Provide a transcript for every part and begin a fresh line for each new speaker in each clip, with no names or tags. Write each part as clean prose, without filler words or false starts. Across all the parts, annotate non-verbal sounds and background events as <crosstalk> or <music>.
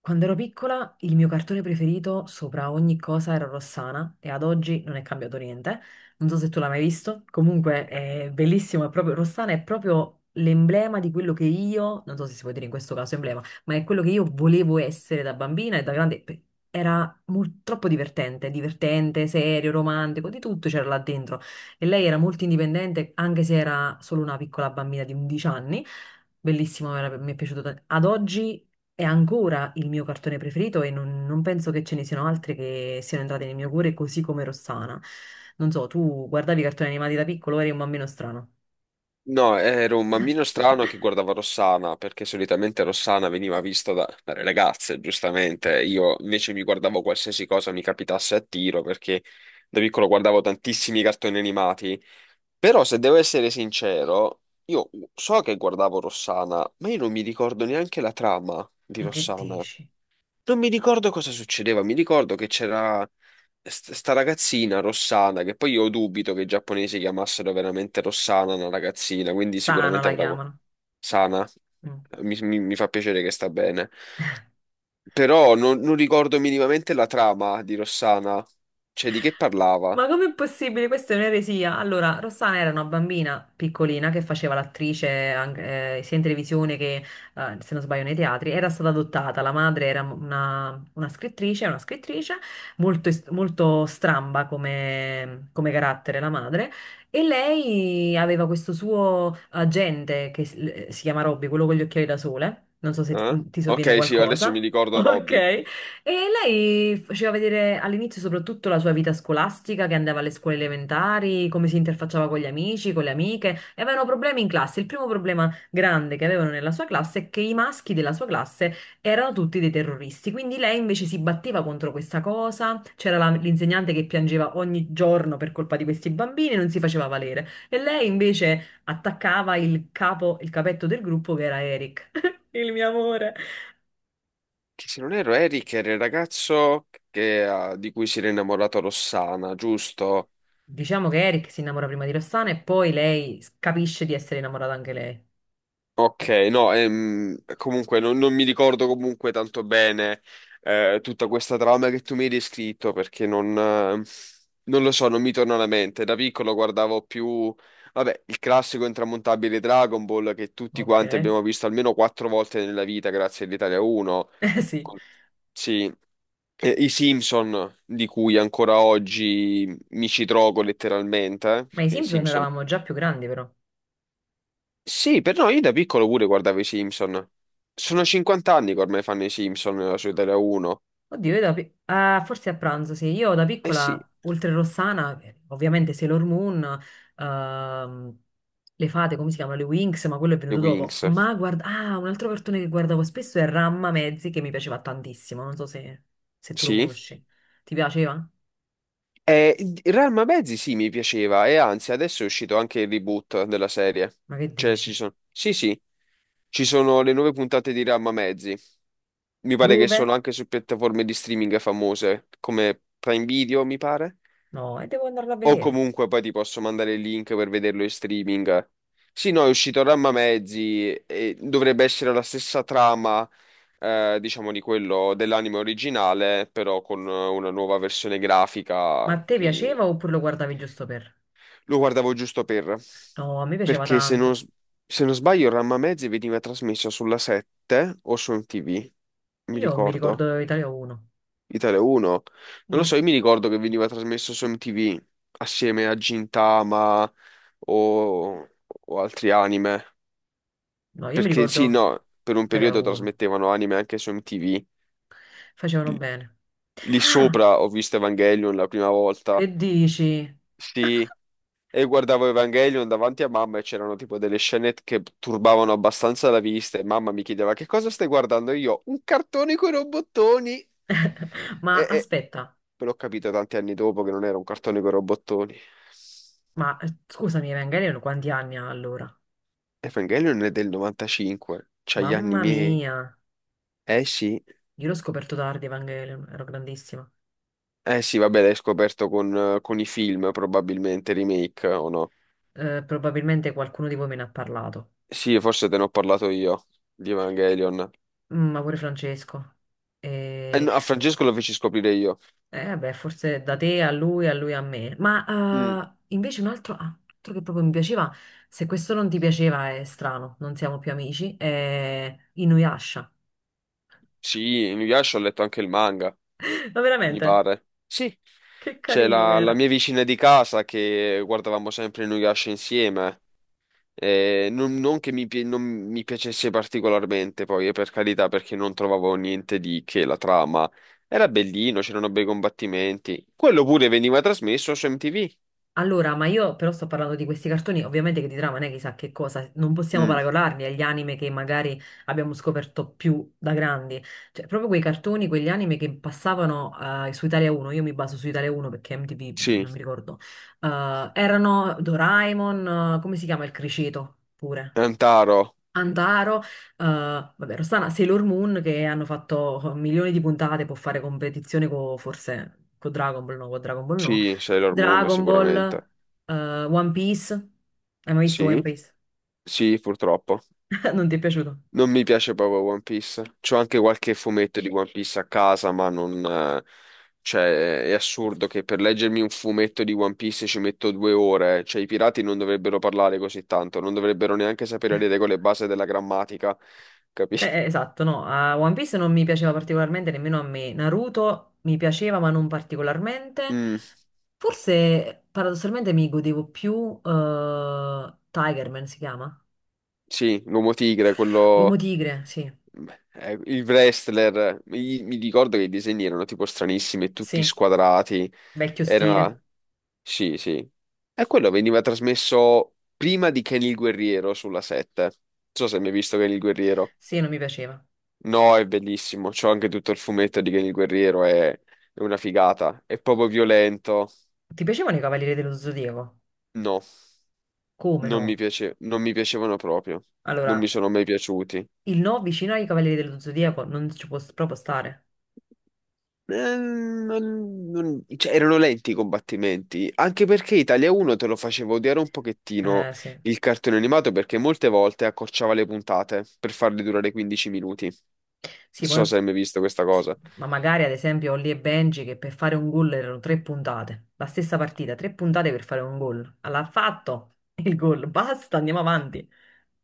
Quando ero piccola, il mio cartone preferito sopra ogni cosa era Rossana e ad oggi non è cambiato niente. Non so se tu l'hai mai visto, comunque è bellissimo, è Rossana è proprio l'emblema di quello che io, non so se si può dire in questo caso emblema, ma è quello che io volevo essere da bambina e da grande. Era troppo divertente, divertente, serio, romantico, di tutto c'era là dentro. E lei era molto indipendente, anche se era solo una piccola bambina di 11 anni. Bellissimo, mi è piaciuto tanto. Ad oggi è ancora il mio cartone preferito e non penso che ce ne siano altri che siano entrati nel mio cuore, così come Rossana. Non so, tu guardavi i cartoni animati da piccolo, eri un bambino strano.
No, ero un bambino strano che
<laughs>
guardava Rossana, perché solitamente Rossana veniva vista dalle ragazze, giustamente. Io invece mi guardavo qualsiasi cosa mi capitasse a tiro, perché da piccolo guardavo tantissimi cartoni animati. Però, se devo essere sincero, io so che guardavo Rossana, ma io non mi ricordo neanche la trama di
Ma che
Rossana.
dici?
Non mi ricordo cosa succedeva, mi ricordo che c'era sta ragazzina Rossana, che poi io dubito che i giapponesi chiamassero veramente Rossana una ragazzina, quindi
Sana
sicuramente
la
avrà
chiamano.
sana.
Mm.
Mi fa piacere che sta bene. Però non ricordo minimamente la trama di Rossana, cioè di che parlava.
Ma com'è possibile? Questa è un'eresia. Allora, Rossana era una bambina piccolina che faceva l'attrice anche, sia in televisione che, se non sbaglio, nei teatri. Era stata adottata. La madre era una scrittrice molto, molto stramba come, come carattere, la madre. E lei aveva questo suo agente che si chiama Robby, quello con gli occhiali da sole. Non so se ti sovviene
Ok, sì, adesso mi
qualcosa. <laughs>
ricordo Robby.
Ok. E lei faceva vedere all'inizio soprattutto la sua vita scolastica, che andava alle scuole elementari, come si interfacciava con gli amici, con le amiche, e avevano problemi in classe. Il primo problema grande che avevano nella sua classe è che i maschi della sua classe erano tutti dei terroristi, quindi lei invece si batteva contro questa cosa, c'era l'insegnante che piangeva ogni giorno per colpa di questi bambini e non si faceva valere, e lei invece attaccava il capo, il capetto del gruppo che era Eric, <laughs> il mio amore.
Che se non erro Eric era di cui si era innamorato Rossana, giusto?
Diciamo che Eric si innamora prima di Rossana e poi lei capisce di essere innamorata anche lei.
Ok,
Eh,
no, comunque non mi ricordo comunque tanto bene tutta questa trama che tu mi hai descritto perché non lo so, non mi torna alla mente. Da piccolo guardavo più, vabbè, il classico intramontabile Dragon Ball che tutti
ok,
quanti
<laughs>
abbiamo visto almeno 4 volte nella vita grazie all'Italia 1.
eh sì.
Con- Sì, e i Simpson di cui ancora oggi mi ci trovo letteralmente,
Ma i
perché i
Simpson
Simpson
eravamo già più grandi però.
sì, per noi, io da piccolo pure guardavo i Simpson. Sono 50 anni che ormai fanno i Simpson su Italia 1.
Oddio, io da ah, forse a pranzo, sì. Io da
Eh sì,
piccola, oltre Rossana, ovviamente Sailor Moon, ehm, le fate, come si chiamano? Le Winx, ma quello è
i
venuto dopo.
Winx.
Ma guarda, ah, un altro cartone che guardavo spesso è Ramma Mezzi, che mi piaceva tantissimo. Non so se, se tu lo
Sì.
conosci. Ti piaceva?
E Real Mezzi sì, mi piaceva. E anzi, adesso è uscito anche il reboot della serie.
Ma che
Cioè, ci
dici?
sono... Sì, sì, ci sono le nuove puntate di Real Mezzi. Mi pare che
Dove?
sono anche su piattaforme di streaming famose, come Prime Video, mi pare.
No, e devo andarlo a
O
vedere.
comunque poi ti posso mandare il link per vederlo in streaming. Sì, no, è uscito Ramma Mezzi e dovrebbe essere la stessa trama, diciamo, di quello dell'anime originale, però con una nuova versione
Ma a
grafica
te
che
piaceva oppure lo guardavi giusto per?
lo guardavo giusto per...
No, a me piaceva
Perché
tanto.
se non sbaglio Ramma Mezzi veniva trasmesso sulla 7 o su MTV, mi
Io mi
ricordo.
ricordo Italia 1.
Italia 1. Non lo
Boh,
so, io mi ricordo che veniva trasmesso su MTV assieme a Gintama o, o altri anime.
no, io mi
Perché sì,
ricordo
no, per un
Italia
periodo
1.
trasmettevano anime anche su MTV.
Facevano
L-
bene.
Lì
Ah,
sopra ho visto Evangelion la prima
che
volta.
dici?
Sì, e guardavo Evangelion davanti a mamma e c'erano tipo delle scene che turbavano abbastanza la vista e mamma mi chiedeva che cosa stai guardando? E io, un cartone con i robottoni.
<laughs> Ma
E,
aspetta,
Però ho capito tanti anni dopo che non era un cartone con robottoni.
ma scusami, Evangelion quanti anni ha allora?
Evangelion è del 95, c'ha gli anni
Mamma
miei.
mia,
Eh sì,
io l'ho scoperto tardi Evangelion, ero grandissima.
eh sì, vabbè, l'hai scoperto con i film, probabilmente, remake o no?
Probabilmente qualcuno di voi me ne ha parlato.
Sì, forse te ne ho parlato io di Evangelion.
Mm, ma pure Francesco. E
No, a Francesco lo feci scoprire io.
eh beh, forse da te a lui, a lui a me.
Mm,
Ma invece un altro, ah, un altro che proprio mi piaceva, se questo non ti piaceva è strano, non siamo più amici, è Inuyasha.
sì, mi piace, ho letto anche il manga,
<laughs> Ma
mi
veramente,
pare. Sì,
che
c'è
carino che
la mia
era.
vicina di casa che guardavamo sempre Inuyasha insieme. Non mi piacesse particolarmente, poi, per carità, perché non trovavo niente di che la trama. Era bellino, c'erano bei combattimenti. Quello pure veniva trasmesso su MTV.
Allora, ma io però sto parlando di questi cartoni, ovviamente che di trama non è chissà che cosa, non possiamo
Mm,
paragonarli agli anime che magari abbiamo scoperto più da grandi, cioè proprio quei cartoni, quegli anime che passavano su Italia 1, io mi baso su Italia 1 perché MTV
sì.
non mi ricordo, erano Doraemon, come si chiama il criceto pure?
Antaro.
Antaro, vabbè, Rossana, Sailor Moon che hanno fatto milioni di puntate, può fare competizione con forse con Dragon Ball, no, con Dragon Ball no.
Sì, Sailor Moon
Dragon Ball,
sicuramente.
One Piece. Hai mai visto One
Sì,
Piece?
sì, purtroppo.
<laughs> Non ti è piaciuto?
Non mi piace proprio One Piece. C'ho anche qualche fumetto di One Piece a casa, ma non... cioè, è assurdo che per leggermi un fumetto di One Piece ci metto 2 ore. Cioè, i pirati non dovrebbero parlare così tanto, non dovrebbero neanche sapere le regole base della grammatica, capisci?
Esatto, no, a One Piece non mi piaceva particolarmente nemmeno a me. Naruto mi piaceva, ma non particolarmente.
<laughs>
Forse paradossalmente mi godevo più Tigerman si chiama?
Sì, l'uomo tigre,
L'uomo
quello...
tigre, sì,
il wrestler. Mi ricordo che i disegni erano tipo stranissimi, tutti
sì,
squadrati.
vecchio
Era...
stile.
Sì, sì. E quello veniva trasmesso prima di Ken il Guerriero sulla 7. Non so se mi hai mai visto Ken il Guerriero.
Sì, non mi piaceva.
No, è bellissimo. C'ho anche tutto il fumetto di Ken il Guerriero, è una figata. È proprio violento.
Ti piacevano i Cavalieri dello Zodiaco?
No,
Come no?
non mi piacevano proprio. Non mi
Allora,
sono mai piaciuti.
il no vicino ai Cavalieri dello Zodiaco non ci può proprio stare.
Cioè, erano lenti i combattimenti, anche perché Italia 1 te lo faceva odiare un pochettino
Sì.
il cartone animato perché molte volte accorciava le puntate per farle durare 15 minuti. Non
Sì,
so
poi...
se hai mai visto questa
sì.
cosa.
Ma magari, ad esempio, Holly e Benji che per fare un gol erano tre puntate. La stessa partita, tre puntate per fare un gol. Allora, ha fatto il gol, basta, andiamo avanti.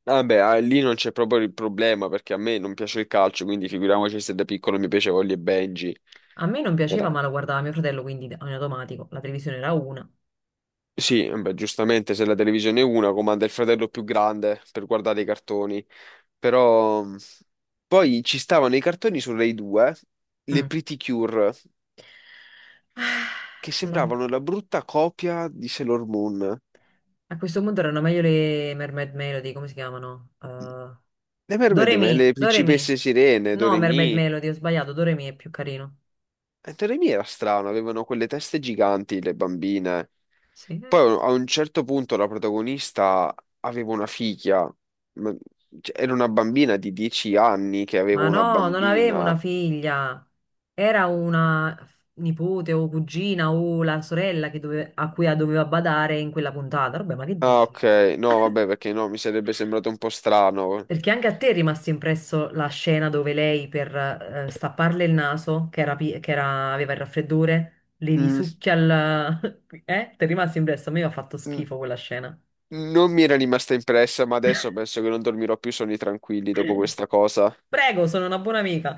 Vabbè, ah, lì non c'è proprio il problema perché a me non piace il calcio, quindi figuriamoci se da piccolo mi piaceva Holly e Benji.
A me non piaceva,
Era...
ma lo guardava mio fratello, quindi in automatico. La televisione era una.
Sì, beh, giustamente se la televisione è una comanda il fratello più grande per guardare i cartoni. Però poi ci stavano i cartoni su Rai 2, le
Mm.
Pretty Cure,
Ah,
che
no.
sembravano la brutta copia di Sailor Moon.
A questo punto erano meglio le Mermaid Melody, come si chiamano?
Le mermaid, le
Doremi.
principesse sirene,
No, Mermaid
Doremi.
Melody, ho sbagliato, Doremi è più carino.
Doremi era strano, avevano quelle teste giganti, le bambine.
Sì.
Poi a un certo punto la protagonista aveva una figlia, ma- cioè, era una bambina di 10 anni che aveva
Ma
una
no, non avevo
bambina.
una figlia. Era una nipote o cugina o la sorella che a cui doveva badare in quella puntata. Vabbè, ma che
Ah,
dici?
ok, no, vabbè, perché no, mi sarebbe sembrato un po' strano.
Perché anche a te è rimasta impresso la scena dove lei per stapparle il naso, che era, pi- che era- aveva il raffreddore, le
Mm.
risucchia il... <laughs> Eh? Ti è rimasto impresso? A me mi ha fatto
Mm.
schifo quella scena.
Non mi era rimasta impressa, ma adesso penso che non dormirò più sonni tranquilli dopo questa cosa.
Prego, sono una buona amica.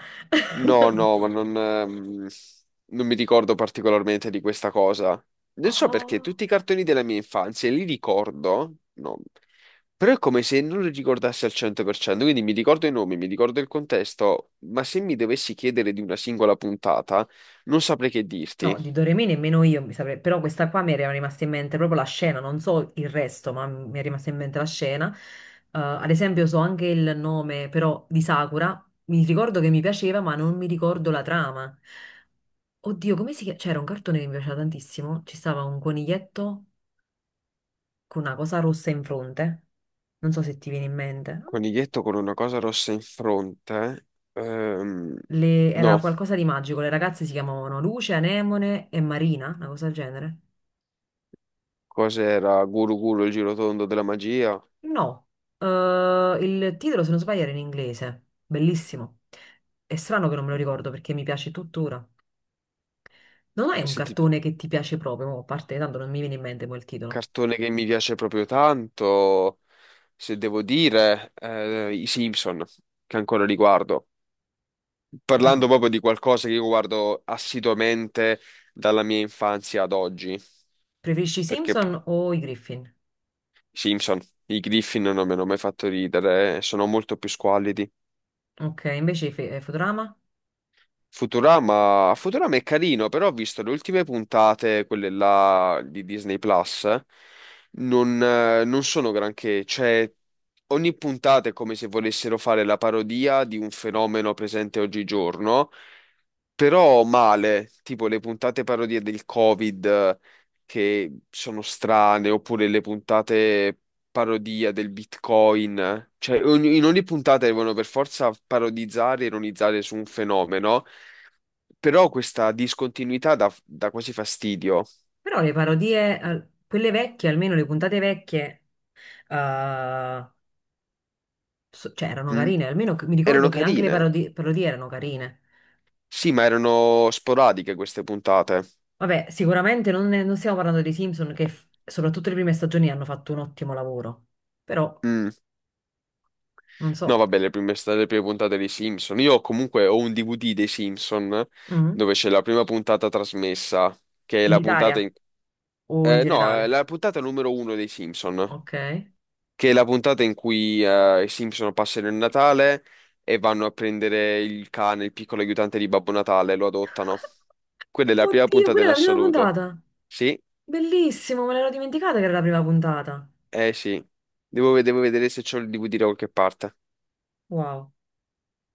No, no, ma non mi ricordo particolarmente di questa cosa. Non so perché
Oh.
tutti i cartoni della mia infanzia li ricordo, no, però è come se non li ricordassi al 100%, quindi mi ricordo i nomi, mi ricordo il contesto, ma se mi dovessi chiedere di una singola puntata, non saprei che
No,
dirti.
di Doremi nemmeno io mi saprei, però questa qua mi era rimasta in mente proprio la scena, non so il resto, ma mi è rimasta in mente la scena. Ad esempio so anche il nome però di Sakura, mi ricordo che mi piaceva, ma non mi ricordo la trama. Oddio, come si chiama? C'era un cartone che mi piaceva tantissimo. Ci stava un coniglietto con una cosa rossa in fronte. Non so se ti viene in mente.
Coniglietto con una cosa rossa in fronte? Ehm,
Era
no.
qualcosa di magico. Le ragazze si chiamavano Luce, Anemone e Marina, una cosa del genere.
Cos'era? Guru Guru, il girotondo della magia.
No, il titolo, se non sbaglio, era in inglese. Bellissimo. È strano che non me lo ricordo perché mi piace tuttora. Non hai un
Se ti-
cartone che ti piace proprio, mo, a parte tanto non mi viene in mente poi il titolo.
Cartone che mi piace proprio tanto, se devo dire, i Simpson, che ancora li guardo. Parlando
Mm.
proprio di qualcosa che io guardo assiduamente dalla mia infanzia ad oggi,
Preferisci i
perché
Simpson o i Griffin?
i Simpson, i Griffin non mi hanno mai fatto ridere, sono molto più squallidi.
Ok, invece i Futurama?
Futurama, Futurama è carino, però ho visto le ultime puntate, quelle là di Disney Plus, non sono granché, cioè ogni puntata è come se volessero fare la parodia di un fenomeno presente oggigiorno, però male, tipo le puntate parodie del Covid che sono strane, oppure le puntate parodia del Bitcoin, cioè in ogni puntata devono per forza parodizzare, e ironizzare su un fenomeno, però questa discontinuità dà quasi fastidio.
Però le parodie, quelle vecchie, almeno le puntate vecchie, eh, cioè erano
Mm.
carine, almeno mi ricordo
Erano
che anche le
carine,
parodie erano carine.
sì, ma erano sporadiche queste puntate.
Vabbè, sicuramente non stiamo parlando dei Simpson che soprattutto le prime stagioni hanno fatto un ottimo lavoro, però
Mm.
non
No,
so,
vabbè, le prime puntate dei Simpson. Io comunque ho un DVD dei Simpson
mm,
dove c'è la prima puntata trasmessa, che è
in
la puntata
Italia
in...
o in
no, è
generale.
la puntata numero uno dei Simpson,
Ok.
che è la puntata in cui i Simpson passano il Natale e vanno a prendere il cane, il piccolo aiutante di Babbo Natale, lo adottano. Quella è la prima
Oddio,
puntata
quella
in
è la prima
assoluto.
puntata.
Sì,
Bellissimo, me l'ero dimenticata che era la prima puntata.
eh sì. Devo vedere se c'ho il DVD da qualche parte.
Wow.